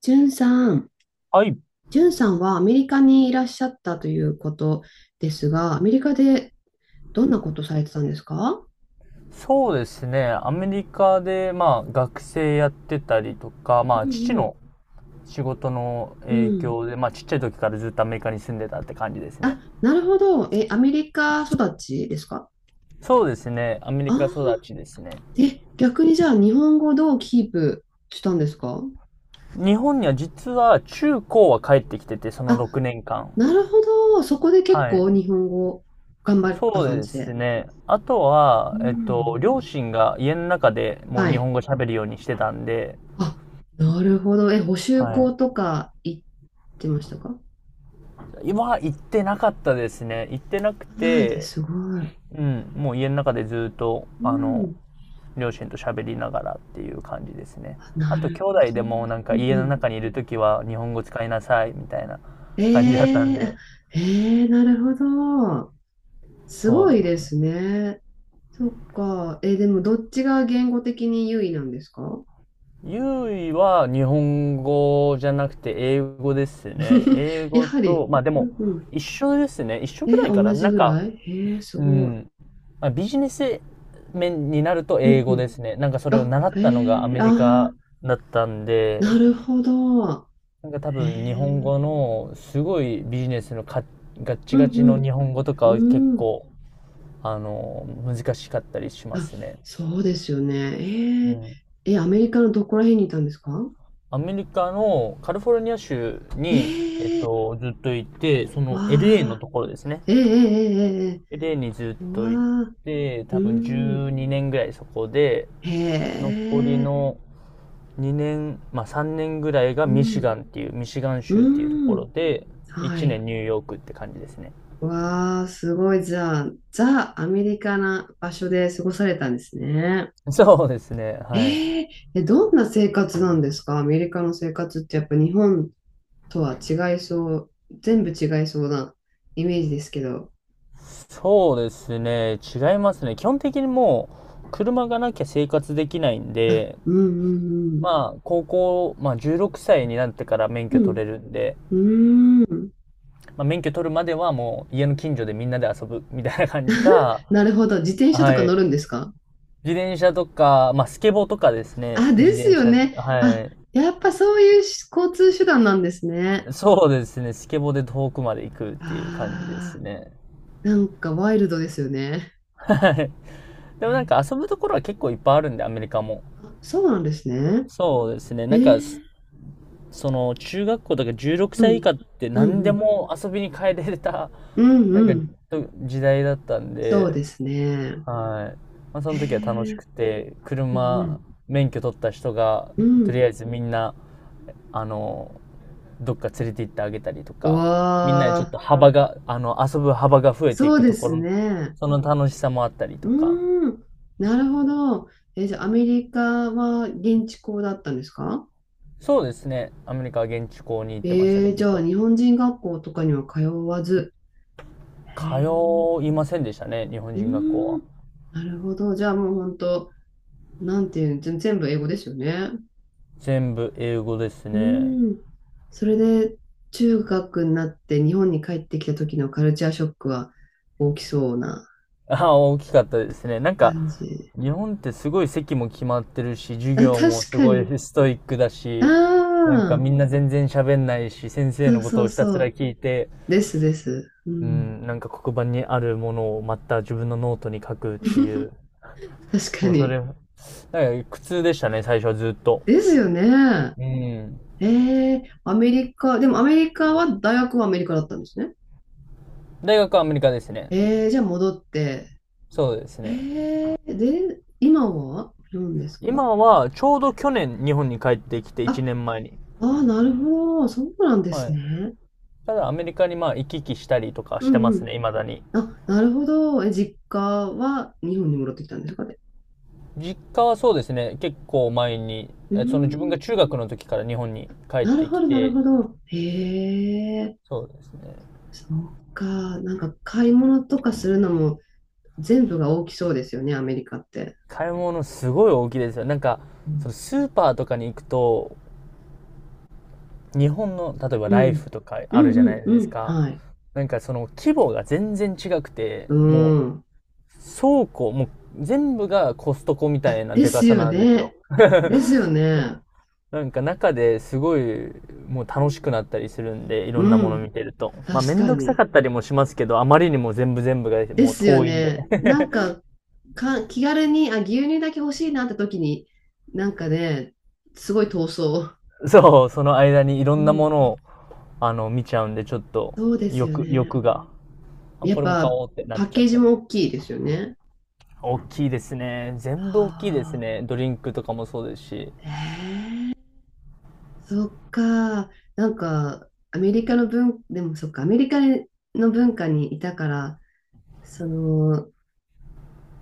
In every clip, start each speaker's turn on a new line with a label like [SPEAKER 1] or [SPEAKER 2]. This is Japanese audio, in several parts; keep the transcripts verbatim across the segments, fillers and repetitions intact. [SPEAKER 1] じゅんさん、
[SPEAKER 2] はい。
[SPEAKER 1] じゅんさんはアメリカにいらっしゃったということですが、アメリカでどんなことされてたんですか？
[SPEAKER 2] そうですね。アメリカで、まあ、学生やってたりとか、ま
[SPEAKER 1] う
[SPEAKER 2] あ、父
[SPEAKER 1] んうん
[SPEAKER 2] の仕事の
[SPEAKER 1] う
[SPEAKER 2] 影
[SPEAKER 1] ん。
[SPEAKER 2] 響で、まあ、ちっちゃい時からずっとアメリカに住んでたって感じですね。
[SPEAKER 1] あ、なるほど。え、アメリカ育ちですか？
[SPEAKER 2] そうですね。アメリ
[SPEAKER 1] あ
[SPEAKER 2] カ育ちで
[SPEAKER 1] あ
[SPEAKER 2] すね。
[SPEAKER 1] ー、え、逆にじゃあ日本語どうキープしたんですか？
[SPEAKER 2] 日本には実は中高は帰ってきてて、その
[SPEAKER 1] あ、
[SPEAKER 2] ろくねんかん。
[SPEAKER 1] なるほど。そこで結
[SPEAKER 2] はい。
[SPEAKER 1] 構日本語頑張った
[SPEAKER 2] そう
[SPEAKER 1] 感
[SPEAKER 2] で
[SPEAKER 1] じ
[SPEAKER 2] す
[SPEAKER 1] で。
[SPEAKER 2] ね。あと
[SPEAKER 1] う
[SPEAKER 2] は、えっと、
[SPEAKER 1] ん。
[SPEAKER 2] 両親が家の中でもう
[SPEAKER 1] は
[SPEAKER 2] 日本
[SPEAKER 1] い。
[SPEAKER 2] 語喋るようにしてたんで。
[SPEAKER 1] あ、なるほど。え、補習
[SPEAKER 2] は
[SPEAKER 1] 校
[SPEAKER 2] い。
[SPEAKER 1] とか行ってましたか？
[SPEAKER 2] 今は行ってなかったですね。行ってなく
[SPEAKER 1] ないで
[SPEAKER 2] て、
[SPEAKER 1] す。すごい。
[SPEAKER 2] うん、もう家の中でずっと、
[SPEAKER 1] う
[SPEAKER 2] あの、
[SPEAKER 1] ん。
[SPEAKER 2] 両親と喋りながらっていう感じですね。
[SPEAKER 1] あ、
[SPEAKER 2] あ
[SPEAKER 1] な
[SPEAKER 2] と、
[SPEAKER 1] る
[SPEAKER 2] 兄
[SPEAKER 1] ほど。
[SPEAKER 2] 弟でもなんか
[SPEAKER 1] うん
[SPEAKER 2] 家
[SPEAKER 1] う
[SPEAKER 2] の
[SPEAKER 1] ん。
[SPEAKER 2] 中にいるときは日本語使いなさいみたいな感じだった
[SPEAKER 1] え
[SPEAKER 2] ん
[SPEAKER 1] え、あ、
[SPEAKER 2] で。
[SPEAKER 1] ええ、なるほど。す
[SPEAKER 2] そう
[SPEAKER 1] ご
[SPEAKER 2] で
[SPEAKER 1] いで
[SPEAKER 2] す。
[SPEAKER 1] すね。そっか。えー、でもどっちが言語的に優位なんですか？
[SPEAKER 2] ゆいは日本語じゃなくて英語ですね。英
[SPEAKER 1] や
[SPEAKER 2] 語
[SPEAKER 1] は
[SPEAKER 2] と、
[SPEAKER 1] り。
[SPEAKER 2] まあで
[SPEAKER 1] う
[SPEAKER 2] も
[SPEAKER 1] んうん。
[SPEAKER 2] 一緒ですね。一緒
[SPEAKER 1] え
[SPEAKER 2] ぐ
[SPEAKER 1] ー、
[SPEAKER 2] らいか
[SPEAKER 1] 同
[SPEAKER 2] な。
[SPEAKER 1] じ
[SPEAKER 2] なん
[SPEAKER 1] ぐ
[SPEAKER 2] か、
[SPEAKER 1] らい、えー、す
[SPEAKER 2] う
[SPEAKER 1] ごい。
[SPEAKER 2] ん。まあ、ビジネス面になると
[SPEAKER 1] う
[SPEAKER 2] 英
[SPEAKER 1] んう
[SPEAKER 2] 語で
[SPEAKER 1] ん。
[SPEAKER 2] すね。なんかそれを
[SPEAKER 1] あ、
[SPEAKER 2] 習
[SPEAKER 1] え
[SPEAKER 2] ったのがア
[SPEAKER 1] ー、
[SPEAKER 2] メリカ
[SPEAKER 1] あ
[SPEAKER 2] だったん
[SPEAKER 1] ー、
[SPEAKER 2] で、
[SPEAKER 1] なるほど。
[SPEAKER 2] なんか多
[SPEAKER 1] え
[SPEAKER 2] 分日本
[SPEAKER 1] ー、
[SPEAKER 2] 語のすごいビジネスのかガッチ
[SPEAKER 1] う
[SPEAKER 2] ガチの
[SPEAKER 1] ん
[SPEAKER 2] 日本語とか
[SPEAKER 1] う
[SPEAKER 2] は結
[SPEAKER 1] ん。うん。
[SPEAKER 2] 構あの難しかったりしま
[SPEAKER 1] あ、
[SPEAKER 2] すね。
[SPEAKER 1] そうですよね。
[SPEAKER 2] う
[SPEAKER 1] えー、
[SPEAKER 2] ん。
[SPEAKER 1] えー、アメリカのどこら辺にいたんですか？
[SPEAKER 2] アメリカのカリフォルニア州
[SPEAKER 1] え
[SPEAKER 2] に、えっ
[SPEAKER 1] ー、
[SPEAKER 2] と、ずっといて、その エルエー の
[SPEAKER 1] わ
[SPEAKER 2] ところですね。
[SPEAKER 1] ー、ええええええ。
[SPEAKER 2] エルエー にずっ
[SPEAKER 1] う
[SPEAKER 2] とい
[SPEAKER 1] わあ、
[SPEAKER 2] て、
[SPEAKER 1] う
[SPEAKER 2] 多分12
[SPEAKER 1] ん。
[SPEAKER 2] 年ぐらいそこで、
[SPEAKER 1] へ
[SPEAKER 2] 残り
[SPEAKER 1] え、
[SPEAKER 2] のにねん、まあさんねんぐらいが
[SPEAKER 1] う
[SPEAKER 2] ミシ
[SPEAKER 1] ん、
[SPEAKER 2] ガンっていう、ミシガン州っていうと
[SPEAKER 1] う
[SPEAKER 2] ころ
[SPEAKER 1] ん。
[SPEAKER 2] で、
[SPEAKER 1] は
[SPEAKER 2] いちねん
[SPEAKER 1] い。
[SPEAKER 2] ニューヨークって感じですね。
[SPEAKER 1] わあ、すごい。じゃあ、ザ・アメリカな場所で過ごされたんですね。
[SPEAKER 2] そうですね。はい。
[SPEAKER 1] ええ、え、どんな生活なんですか？アメリカの生活ってやっぱ日本とは違いそう、全部違いそうなイメージですけど。
[SPEAKER 2] そうですね。違いますね。基本的にもう、車がなきゃ生活できないん
[SPEAKER 1] あ、
[SPEAKER 2] で、
[SPEAKER 1] うんうん
[SPEAKER 2] まあ、高校、まあ、じゅうろくさいになってから免
[SPEAKER 1] う
[SPEAKER 2] 許取
[SPEAKER 1] ん。
[SPEAKER 2] れるんで、
[SPEAKER 1] うん、うん。
[SPEAKER 2] まあ、免許取るまではもう、家の近所でみんなで遊ぶみたいな感じか。
[SPEAKER 1] なるほど。自転車と
[SPEAKER 2] は
[SPEAKER 1] か乗
[SPEAKER 2] い。
[SPEAKER 1] るんですか？
[SPEAKER 2] 自転車とか、まあ、スケボーとかですね。
[SPEAKER 1] あ、で
[SPEAKER 2] 自
[SPEAKER 1] す
[SPEAKER 2] 転
[SPEAKER 1] よ
[SPEAKER 2] 車、
[SPEAKER 1] ね。あ、
[SPEAKER 2] は
[SPEAKER 1] やっぱそういうし交通手段なんですね。
[SPEAKER 2] い。そうですね。スケボーで遠くまで行くっていう感じです
[SPEAKER 1] ああ、
[SPEAKER 2] ね。
[SPEAKER 1] なんかワイルドですよね。
[SPEAKER 2] はい。でもなんか遊ぶところは結構いっぱいあるんで、アメリカも。
[SPEAKER 1] え、あ、そうなんですね。
[SPEAKER 2] そうですね。
[SPEAKER 1] え
[SPEAKER 2] なんか、
[SPEAKER 1] ー、
[SPEAKER 2] その中学校とか16
[SPEAKER 1] う
[SPEAKER 2] 歳以
[SPEAKER 1] ん、
[SPEAKER 2] 下って
[SPEAKER 1] うん、
[SPEAKER 2] 何
[SPEAKER 1] う
[SPEAKER 2] で
[SPEAKER 1] ん、
[SPEAKER 2] も遊びに変えれた
[SPEAKER 1] うん、
[SPEAKER 2] な
[SPEAKER 1] う
[SPEAKER 2] んか
[SPEAKER 1] ん。
[SPEAKER 2] と時代だったん
[SPEAKER 1] そう
[SPEAKER 2] で。
[SPEAKER 1] ですね。
[SPEAKER 2] はい。まあ、そ
[SPEAKER 1] え
[SPEAKER 2] の時は楽し
[SPEAKER 1] ー、
[SPEAKER 2] くて、
[SPEAKER 1] うん、う
[SPEAKER 2] 車
[SPEAKER 1] ん、
[SPEAKER 2] 免許取った人が
[SPEAKER 1] う
[SPEAKER 2] とり
[SPEAKER 1] ん。
[SPEAKER 2] あえずみんな、あの、どっか連れて行ってあげたりと
[SPEAKER 1] う
[SPEAKER 2] か、みんなで
[SPEAKER 1] わ
[SPEAKER 2] ちょっ
[SPEAKER 1] あ、
[SPEAKER 2] と幅が、あの、遊ぶ幅が増えてい
[SPEAKER 1] そう
[SPEAKER 2] く
[SPEAKER 1] で
[SPEAKER 2] とこ
[SPEAKER 1] す
[SPEAKER 2] ろ、
[SPEAKER 1] ね。
[SPEAKER 2] その楽しさもあったり
[SPEAKER 1] う
[SPEAKER 2] とか。
[SPEAKER 1] ーん、なるほど。え、じゃあアメリカは現地校だったんですか？
[SPEAKER 2] そうですね。アメリカは現地校に行ってましたね、
[SPEAKER 1] えー、
[SPEAKER 2] ず
[SPEAKER 1] じ
[SPEAKER 2] っ
[SPEAKER 1] ゃあ
[SPEAKER 2] と。
[SPEAKER 1] 日本人学校とかには通わず。へえ。
[SPEAKER 2] 通いませんでしたね、日本
[SPEAKER 1] う
[SPEAKER 2] 人学校
[SPEAKER 1] ー
[SPEAKER 2] は。
[SPEAKER 1] ん。なるほど。じゃあもう本当、なんていうの、全全部英語ですよね。
[SPEAKER 2] 全部英語です
[SPEAKER 1] う
[SPEAKER 2] ね。
[SPEAKER 1] ーん。それで、中学になって日本に帰ってきた時のカルチャーショックは大きそうな
[SPEAKER 2] あ、大きかったですね。なんか、
[SPEAKER 1] 感じ。
[SPEAKER 2] 日本ってすごい席も決まってるし、授
[SPEAKER 1] あ、
[SPEAKER 2] 業も
[SPEAKER 1] 確
[SPEAKER 2] す
[SPEAKER 1] か
[SPEAKER 2] ごい
[SPEAKER 1] に。
[SPEAKER 2] ストイックだ
[SPEAKER 1] あ
[SPEAKER 2] し、なんか
[SPEAKER 1] あ、
[SPEAKER 2] みんな全然喋んないし、先生
[SPEAKER 1] そう
[SPEAKER 2] のこ
[SPEAKER 1] そ
[SPEAKER 2] と
[SPEAKER 1] う
[SPEAKER 2] をひたす
[SPEAKER 1] そ
[SPEAKER 2] ら
[SPEAKER 1] う。
[SPEAKER 2] 聞いて、
[SPEAKER 1] ですです。う
[SPEAKER 2] う
[SPEAKER 1] ん。
[SPEAKER 2] ん、なんか黒板にあるものをまた自分のノートに書くって いう、
[SPEAKER 1] 確か
[SPEAKER 2] もうそれ、
[SPEAKER 1] に。
[SPEAKER 2] なんか苦痛でしたね、最初はずっと。
[SPEAKER 1] ですよね。
[SPEAKER 2] うん。
[SPEAKER 1] ええ、アメリカ、でもアメリカは、大学はアメリカだったんですね。
[SPEAKER 2] 大学はアメリカですね。
[SPEAKER 1] ええ、じゃあ戻って、
[SPEAKER 2] そうです
[SPEAKER 1] え
[SPEAKER 2] ね。
[SPEAKER 1] ー、で、今は何ですか？
[SPEAKER 2] 今は、ちょうど去年日本に帰ってきて、1
[SPEAKER 1] あ、
[SPEAKER 2] 年前に。
[SPEAKER 1] あー、なるほど。そうなんで
[SPEAKER 2] は
[SPEAKER 1] す
[SPEAKER 2] い。
[SPEAKER 1] ね。
[SPEAKER 2] ただアメリカにまあ行き来したりとか
[SPEAKER 1] う
[SPEAKER 2] して
[SPEAKER 1] ん
[SPEAKER 2] ま
[SPEAKER 1] う
[SPEAKER 2] す
[SPEAKER 1] ん。
[SPEAKER 2] ね、未だに。
[SPEAKER 1] あ、なるほど。え、実家は日本に戻ってきたんですかね。
[SPEAKER 2] 実家はそうですね、結構前に、
[SPEAKER 1] うー
[SPEAKER 2] その自分が
[SPEAKER 1] ん。
[SPEAKER 2] 中学の時から日本に帰っ
[SPEAKER 1] なる
[SPEAKER 2] て
[SPEAKER 1] ほ
[SPEAKER 2] き
[SPEAKER 1] ど、なる
[SPEAKER 2] て、
[SPEAKER 1] ほど。へえ、
[SPEAKER 2] そうですね。
[SPEAKER 1] そっか。なんか買い物とかするのも全部が大きそうですよね、アメリカって。
[SPEAKER 2] 買い物すごい大きいですよ。なんか、
[SPEAKER 1] う
[SPEAKER 2] そ
[SPEAKER 1] ん。
[SPEAKER 2] のスーパーとかに行くと、日本の、例えば
[SPEAKER 1] う
[SPEAKER 2] ライ
[SPEAKER 1] ん。
[SPEAKER 2] フとか
[SPEAKER 1] う
[SPEAKER 2] あ
[SPEAKER 1] ん
[SPEAKER 2] るじゃ
[SPEAKER 1] う
[SPEAKER 2] ない
[SPEAKER 1] ん
[SPEAKER 2] で
[SPEAKER 1] う
[SPEAKER 2] す
[SPEAKER 1] ん。
[SPEAKER 2] か。
[SPEAKER 1] はい。
[SPEAKER 2] なんかその規模が全然違くて、
[SPEAKER 1] う
[SPEAKER 2] も
[SPEAKER 1] ん。
[SPEAKER 2] う倉庫、もう全部がコストコみた
[SPEAKER 1] あ、
[SPEAKER 2] いな
[SPEAKER 1] で
[SPEAKER 2] でか
[SPEAKER 1] す
[SPEAKER 2] さ
[SPEAKER 1] よ
[SPEAKER 2] なんですよ。
[SPEAKER 1] ね。ですよね。
[SPEAKER 2] なんか中ですごいもう楽しくなったりするんで、いろんな
[SPEAKER 1] う
[SPEAKER 2] もの
[SPEAKER 1] ん。
[SPEAKER 2] 見てると。まあめ
[SPEAKER 1] 確
[SPEAKER 2] ん
[SPEAKER 1] か
[SPEAKER 2] どくさか
[SPEAKER 1] に。
[SPEAKER 2] ったりもしますけど、あまりにも全部全部が
[SPEAKER 1] で
[SPEAKER 2] もう
[SPEAKER 1] すよ
[SPEAKER 2] 遠いんで。
[SPEAKER 1] ね。なん か、か、気軽に、あ、牛乳だけ欲しいなって時に、なんかね、すごい闘争。
[SPEAKER 2] そう、その間にいろ
[SPEAKER 1] う
[SPEAKER 2] んなも
[SPEAKER 1] ん。
[SPEAKER 2] のをあの見ちゃうんで、ちょっと
[SPEAKER 1] そうですよ
[SPEAKER 2] 欲、
[SPEAKER 1] ね。
[SPEAKER 2] 欲が。あ、
[SPEAKER 1] や
[SPEAKER 2] こ
[SPEAKER 1] っ
[SPEAKER 2] れも買
[SPEAKER 1] ぱ、
[SPEAKER 2] おうってなっ
[SPEAKER 1] パッ
[SPEAKER 2] ちゃっ
[SPEAKER 1] ケージ
[SPEAKER 2] たり。
[SPEAKER 1] も大きいですよね。
[SPEAKER 2] 大きいですね。全
[SPEAKER 1] は
[SPEAKER 2] 部大きいです
[SPEAKER 1] あ。
[SPEAKER 2] ね。ドリンクとかもそうですし。
[SPEAKER 1] ええ、そっか。なんか、アメリカの文、でもそっか、アメリカの文化にいたから、その、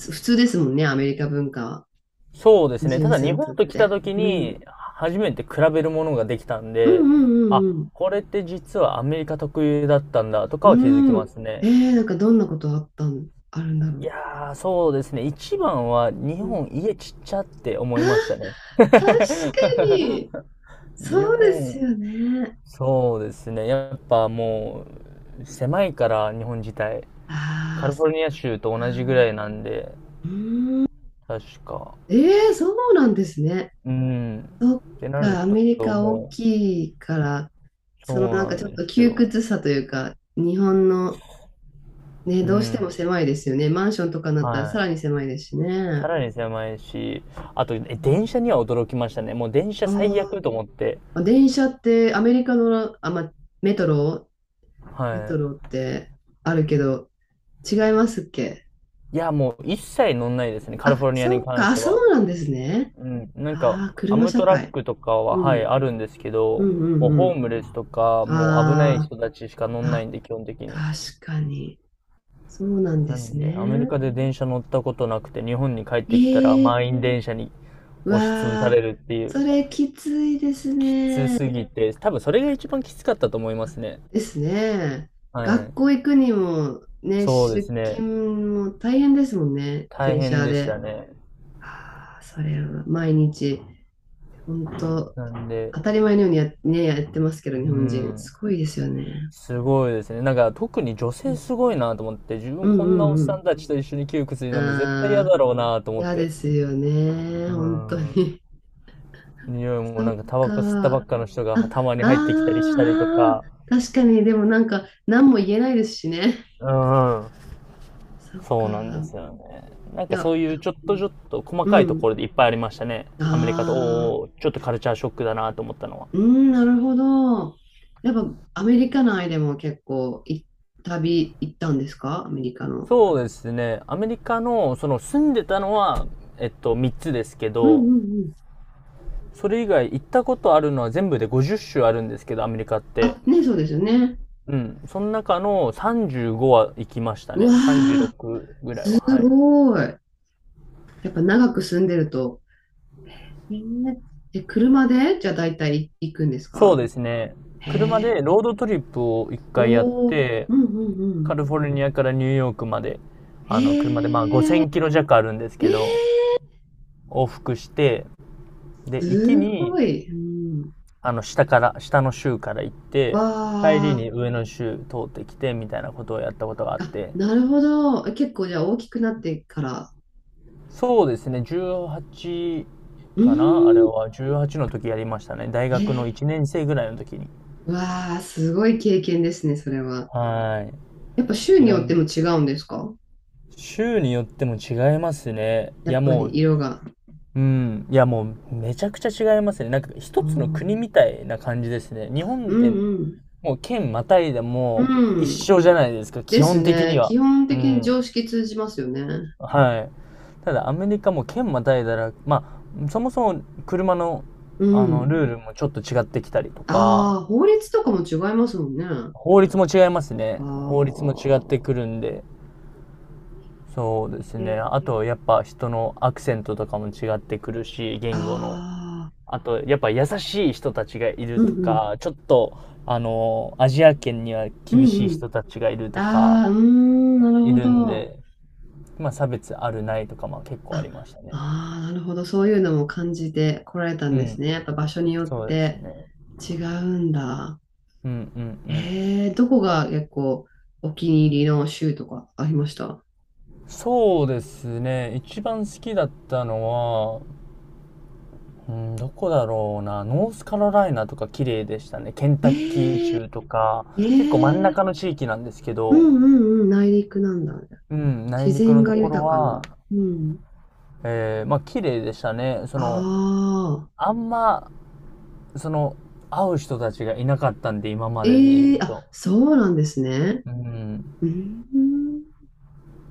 [SPEAKER 1] 普通ですもんね、アメリカ文化は。
[SPEAKER 2] そうですね。
[SPEAKER 1] ジ
[SPEAKER 2] た
[SPEAKER 1] ュン
[SPEAKER 2] だ
[SPEAKER 1] さ
[SPEAKER 2] 日
[SPEAKER 1] んに
[SPEAKER 2] 本
[SPEAKER 1] とっ
[SPEAKER 2] と来た
[SPEAKER 1] て。
[SPEAKER 2] 時
[SPEAKER 1] うん。
[SPEAKER 2] に初めて比べるものができたん
[SPEAKER 1] うん
[SPEAKER 2] で、
[SPEAKER 1] うんう
[SPEAKER 2] あ、
[SPEAKER 1] んうん。
[SPEAKER 2] これって実はアメリカ特有だったんだとかは気づ
[SPEAKER 1] う
[SPEAKER 2] きま
[SPEAKER 1] ん。
[SPEAKER 2] す
[SPEAKER 1] え
[SPEAKER 2] ね。
[SPEAKER 1] ー、なんかどんなことあったん、あるんだ
[SPEAKER 2] い
[SPEAKER 1] ろ
[SPEAKER 2] やー、そうですね。一番は日
[SPEAKER 1] う。うん。
[SPEAKER 2] 本家ちっちゃって思
[SPEAKER 1] あー、
[SPEAKER 2] いましたね。
[SPEAKER 1] 確かに。
[SPEAKER 2] 日
[SPEAKER 1] そうです
[SPEAKER 2] 本、
[SPEAKER 1] よね。
[SPEAKER 2] そうですね。やっぱもう狭いから日本自体。カ
[SPEAKER 1] ああ、
[SPEAKER 2] リフ
[SPEAKER 1] そ
[SPEAKER 2] ォル
[SPEAKER 1] っ
[SPEAKER 2] ニア州と同じぐら
[SPEAKER 1] か。
[SPEAKER 2] いなんで、確か。
[SPEAKER 1] えー、そうなんですね。
[SPEAKER 2] うん。
[SPEAKER 1] そっ
[SPEAKER 2] ってなる
[SPEAKER 1] か、アメリ
[SPEAKER 2] と
[SPEAKER 1] カ大
[SPEAKER 2] も
[SPEAKER 1] きいから、
[SPEAKER 2] う、そ
[SPEAKER 1] その
[SPEAKER 2] う
[SPEAKER 1] なん
[SPEAKER 2] な
[SPEAKER 1] かち
[SPEAKER 2] ん
[SPEAKER 1] ょっ
[SPEAKER 2] で
[SPEAKER 1] と
[SPEAKER 2] す
[SPEAKER 1] 窮
[SPEAKER 2] よ。
[SPEAKER 1] 屈さというか、日本のね、
[SPEAKER 2] う
[SPEAKER 1] どうしても
[SPEAKER 2] ん。
[SPEAKER 1] 狭いですよね。マンションとかになったらさ
[SPEAKER 2] は
[SPEAKER 1] らに狭いですし
[SPEAKER 2] い。さ
[SPEAKER 1] ね。
[SPEAKER 2] らに狭いし、あと、え、電車には驚きましたね。もう電車最
[SPEAKER 1] あ
[SPEAKER 2] 悪と思って。
[SPEAKER 1] あー、電車ってアメリカの、あ、ま、メトロ、メ
[SPEAKER 2] は
[SPEAKER 1] ト
[SPEAKER 2] い。
[SPEAKER 1] ロってあるけど、違いますっけ？
[SPEAKER 2] いや、もう一切乗んないですね、カリフォ
[SPEAKER 1] あ、
[SPEAKER 2] ルニアに
[SPEAKER 1] そっ
[SPEAKER 2] 関
[SPEAKER 1] か、
[SPEAKER 2] し
[SPEAKER 1] あ、
[SPEAKER 2] て
[SPEAKER 1] そ
[SPEAKER 2] は。
[SPEAKER 1] うなんですね。
[SPEAKER 2] うん。なんか、
[SPEAKER 1] ああ、
[SPEAKER 2] ア
[SPEAKER 1] 車
[SPEAKER 2] ム
[SPEAKER 1] 社
[SPEAKER 2] トラッ
[SPEAKER 1] 会。
[SPEAKER 2] クとかは、
[SPEAKER 1] う
[SPEAKER 2] はい、
[SPEAKER 1] ん。
[SPEAKER 2] あるんですけ
[SPEAKER 1] う
[SPEAKER 2] ど、
[SPEAKER 1] んう
[SPEAKER 2] もう
[SPEAKER 1] んう
[SPEAKER 2] ホー
[SPEAKER 1] ん。
[SPEAKER 2] ムレスとか、もう危ない
[SPEAKER 1] あ
[SPEAKER 2] 人たちしか
[SPEAKER 1] あ、
[SPEAKER 2] 乗んな
[SPEAKER 1] あ、
[SPEAKER 2] いんで、基本的に。
[SPEAKER 1] 確かに。そうなんで
[SPEAKER 2] な
[SPEAKER 1] す
[SPEAKER 2] んで、アメリ
[SPEAKER 1] ね。
[SPEAKER 2] カで電車乗ったことなくて、日本に帰ってきたら
[SPEAKER 1] ええ、
[SPEAKER 2] 満員電車に
[SPEAKER 1] わ
[SPEAKER 2] 押しつぶされ
[SPEAKER 1] あ、
[SPEAKER 2] るっていう。
[SPEAKER 1] それきついです
[SPEAKER 2] きつ
[SPEAKER 1] ね。
[SPEAKER 2] すぎて、多分それが一番きつかったと思いま
[SPEAKER 1] あ、
[SPEAKER 2] すね。
[SPEAKER 1] ですね。
[SPEAKER 2] は
[SPEAKER 1] 学
[SPEAKER 2] い。
[SPEAKER 1] 校行くにも、ね、
[SPEAKER 2] そうで
[SPEAKER 1] 出
[SPEAKER 2] すね。
[SPEAKER 1] 勤も大変ですもんね、
[SPEAKER 2] 大
[SPEAKER 1] 電
[SPEAKER 2] 変
[SPEAKER 1] 車
[SPEAKER 2] でし
[SPEAKER 1] で。
[SPEAKER 2] た
[SPEAKER 1] あ、
[SPEAKER 2] ね。
[SPEAKER 1] あ、それは毎日。本当、
[SPEAKER 2] なんで、
[SPEAKER 1] 当たり前のようにや、ね、やってますけど、日
[SPEAKER 2] う
[SPEAKER 1] 本人。す
[SPEAKER 2] ん、
[SPEAKER 1] ごいですよね。
[SPEAKER 2] すごいですね。なんか特に女
[SPEAKER 1] う
[SPEAKER 2] 性す
[SPEAKER 1] ん
[SPEAKER 2] ごいなと思って、自
[SPEAKER 1] う
[SPEAKER 2] 分
[SPEAKER 1] ん
[SPEAKER 2] こんなおっ
[SPEAKER 1] う
[SPEAKER 2] さ
[SPEAKER 1] ん
[SPEAKER 2] んたちと一緒に窮屈に
[SPEAKER 1] うん。
[SPEAKER 2] なるの絶対嫌
[SPEAKER 1] ああ、
[SPEAKER 2] だろうなと思っ
[SPEAKER 1] 嫌で
[SPEAKER 2] て。
[SPEAKER 1] すよね。
[SPEAKER 2] う
[SPEAKER 1] 本当
[SPEAKER 2] ん。
[SPEAKER 1] に。
[SPEAKER 2] 匂い も
[SPEAKER 1] そっ
[SPEAKER 2] なんかタバ
[SPEAKER 1] か。
[SPEAKER 2] コ吸ったば
[SPEAKER 1] あ、
[SPEAKER 2] っかの人
[SPEAKER 1] あ
[SPEAKER 2] が
[SPEAKER 1] ー
[SPEAKER 2] たまに入ってきたりしたりと
[SPEAKER 1] あー、
[SPEAKER 2] か。
[SPEAKER 1] 確かに。でもなんか、何も言えないですしね。
[SPEAKER 2] うん。
[SPEAKER 1] そっ
[SPEAKER 2] そ
[SPEAKER 1] か。
[SPEAKER 2] うなんですよね。なん
[SPEAKER 1] い
[SPEAKER 2] かそ
[SPEAKER 1] や、
[SPEAKER 2] ういうちょっ
[SPEAKER 1] う
[SPEAKER 2] とち
[SPEAKER 1] ん。
[SPEAKER 2] ょっと細
[SPEAKER 1] う
[SPEAKER 2] かいとこ
[SPEAKER 1] ん、
[SPEAKER 2] ろでいっぱいありましたね。アメリカと、おー
[SPEAKER 1] ああ、
[SPEAKER 2] おー、ちょっとカルチャーショックだなと思ったのは。
[SPEAKER 1] うん、なるほど。やっぱ、アメリカ内でも結構い、旅行ったんですか？アメリカの。
[SPEAKER 2] そうですね。アメリカの、その住んでたのは、えっと、みっつですけ
[SPEAKER 1] うん
[SPEAKER 2] ど、
[SPEAKER 1] うん、
[SPEAKER 2] それ以外行ったことあるのは全部でごじゅう州あるんですけど、アメリカって。
[SPEAKER 1] あ、ね、そうですよね。
[SPEAKER 2] うん。その中のさんじゅうごは行きました
[SPEAKER 1] うわ
[SPEAKER 2] ね。
[SPEAKER 1] ー、
[SPEAKER 2] さんじゅうろくぐらいは、
[SPEAKER 1] す
[SPEAKER 2] はい。
[SPEAKER 1] ごい。やっぱ長く住んでると。えー、で、車でじゃあ大体行くんです
[SPEAKER 2] そう
[SPEAKER 1] か？
[SPEAKER 2] ですね。
[SPEAKER 1] へ
[SPEAKER 2] 車で
[SPEAKER 1] え。
[SPEAKER 2] ロードトリップをいっかいやっ
[SPEAKER 1] おー、
[SPEAKER 2] て、
[SPEAKER 1] うんうんう
[SPEAKER 2] カ
[SPEAKER 1] ん。
[SPEAKER 2] リフォルニアからニューヨークまで、あの、車でまあ5000
[SPEAKER 1] へえ、
[SPEAKER 2] キロ弱あるんですけど、
[SPEAKER 1] え
[SPEAKER 2] 往復して、で、
[SPEAKER 1] ー、
[SPEAKER 2] 行き
[SPEAKER 1] すご
[SPEAKER 2] に
[SPEAKER 1] い。うん。
[SPEAKER 2] あの、下から、下の州から行って、帰り
[SPEAKER 1] わ
[SPEAKER 2] に上の州通ってきて、みたいなことをやったことがあっ
[SPEAKER 1] ー、あ、
[SPEAKER 2] て、
[SPEAKER 1] なるほど。結構じゃあ大きくなってから。
[SPEAKER 2] そうですね、じゅうはち
[SPEAKER 1] う
[SPEAKER 2] かなあれ
[SPEAKER 1] ーん。
[SPEAKER 2] は、じゅうはちの時やりましたね。大
[SPEAKER 1] え
[SPEAKER 2] 学のいちねん生ぐらいの時に。
[SPEAKER 1] ー、わー、すごい経験ですね、それは。
[SPEAKER 2] は
[SPEAKER 1] やっぱ州
[SPEAKER 2] い。い
[SPEAKER 1] に
[SPEAKER 2] ろ
[SPEAKER 1] よって
[SPEAKER 2] ん、
[SPEAKER 1] も違うんですか？
[SPEAKER 2] 州によっても違いますね。い
[SPEAKER 1] やっ
[SPEAKER 2] や、
[SPEAKER 1] ぱ
[SPEAKER 2] も
[SPEAKER 1] り
[SPEAKER 2] う、
[SPEAKER 1] 色が。
[SPEAKER 2] うん。いや、もう、めちゃくちゃ違いますね。なんか、
[SPEAKER 1] あ
[SPEAKER 2] 一つの国
[SPEAKER 1] ー、
[SPEAKER 2] みたいな感じですね。日
[SPEAKER 1] あ、
[SPEAKER 2] 本っ
[SPEAKER 1] う
[SPEAKER 2] て、
[SPEAKER 1] んうん。
[SPEAKER 2] もう、県またいで
[SPEAKER 1] う
[SPEAKER 2] も、一
[SPEAKER 1] ん。
[SPEAKER 2] 緒じゃないですか、基
[SPEAKER 1] です
[SPEAKER 2] 本的に
[SPEAKER 1] ね。
[SPEAKER 2] は。
[SPEAKER 1] 基本
[SPEAKER 2] う
[SPEAKER 1] 的に
[SPEAKER 2] ん。
[SPEAKER 1] 常識通じますよね。
[SPEAKER 2] はい。ただアメリカも県またいだら、まあ、そもそも車の、
[SPEAKER 1] う
[SPEAKER 2] あの、
[SPEAKER 1] ん。
[SPEAKER 2] ルールもちょっと違ってきたりとか、
[SPEAKER 1] ああ、法律とかも違いますもんね。あ
[SPEAKER 2] 法律も違いますね。法律も違っ
[SPEAKER 1] あ。
[SPEAKER 2] てくるんで、そうです
[SPEAKER 1] へ
[SPEAKER 2] ね。
[SPEAKER 1] ー、
[SPEAKER 2] あと、やっぱ人のアクセントとかも違ってくるし、言語の。
[SPEAKER 1] ああ、
[SPEAKER 2] あと、やっぱ優しい人たちがいる
[SPEAKER 1] うん
[SPEAKER 2] と
[SPEAKER 1] うん、
[SPEAKER 2] か、ちょっと、あの、アジア圏には
[SPEAKER 1] う
[SPEAKER 2] 厳し
[SPEAKER 1] ん
[SPEAKER 2] い
[SPEAKER 1] うん。
[SPEAKER 2] 人たちがいるとか、
[SPEAKER 1] ああ、うーん、なる
[SPEAKER 2] い
[SPEAKER 1] ほ
[SPEAKER 2] るん
[SPEAKER 1] ど。
[SPEAKER 2] で、まあ差別あるないとか、まあ結構あ
[SPEAKER 1] あ、
[SPEAKER 2] りましたね。
[SPEAKER 1] ああ、なるほど。そういうのも感じてこられたん
[SPEAKER 2] う
[SPEAKER 1] ですね。
[SPEAKER 2] ん。
[SPEAKER 1] やっぱ場所によっ
[SPEAKER 2] そうです
[SPEAKER 1] て
[SPEAKER 2] ね。
[SPEAKER 1] 違うんだ。
[SPEAKER 2] うん。うん。うん。
[SPEAKER 1] ええ、どこが結構お気に入りの州とかありました？
[SPEAKER 2] そうですね、一番好きだったのは、うん、どこだろうな。ノースカロライナとか綺麗でしたね。ケンタッキー
[SPEAKER 1] ええ、
[SPEAKER 2] 州とか結構真ん
[SPEAKER 1] ええ、
[SPEAKER 2] 中の地域なんですけ
[SPEAKER 1] う
[SPEAKER 2] ど、
[SPEAKER 1] んうんうん、内陸なんだ。
[SPEAKER 2] うん、内
[SPEAKER 1] 自
[SPEAKER 2] 陸
[SPEAKER 1] 然
[SPEAKER 2] のと
[SPEAKER 1] が
[SPEAKER 2] ころ
[SPEAKER 1] 豊か
[SPEAKER 2] は、
[SPEAKER 1] な。うん。
[SPEAKER 2] えー、まあ綺麗でしたね。そ
[SPEAKER 1] あ
[SPEAKER 2] の
[SPEAKER 1] あ、
[SPEAKER 2] あんまその会う人たちがいなかったんで今までで言
[SPEAKER 1] ええ、
[SPEAKER 2] うと、
[SPEAKER 1] あ、そうなんですね。
[SPEAKER 2] うん、
[SPEAKER 1] うん。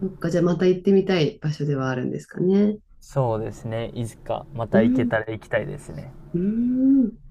[SPEAKER 1] そっか、じゃあまた行ってみたい場所ではあるんですかね。
[SPEAKER 2] そうですね、いつかま
[SPEAKER 1] う
[SPEAKER 2] た行け
[SPEAKER 1] ん。
[SPEAKER 2] たら行きたいですね。
[SPEAKER 1] うん。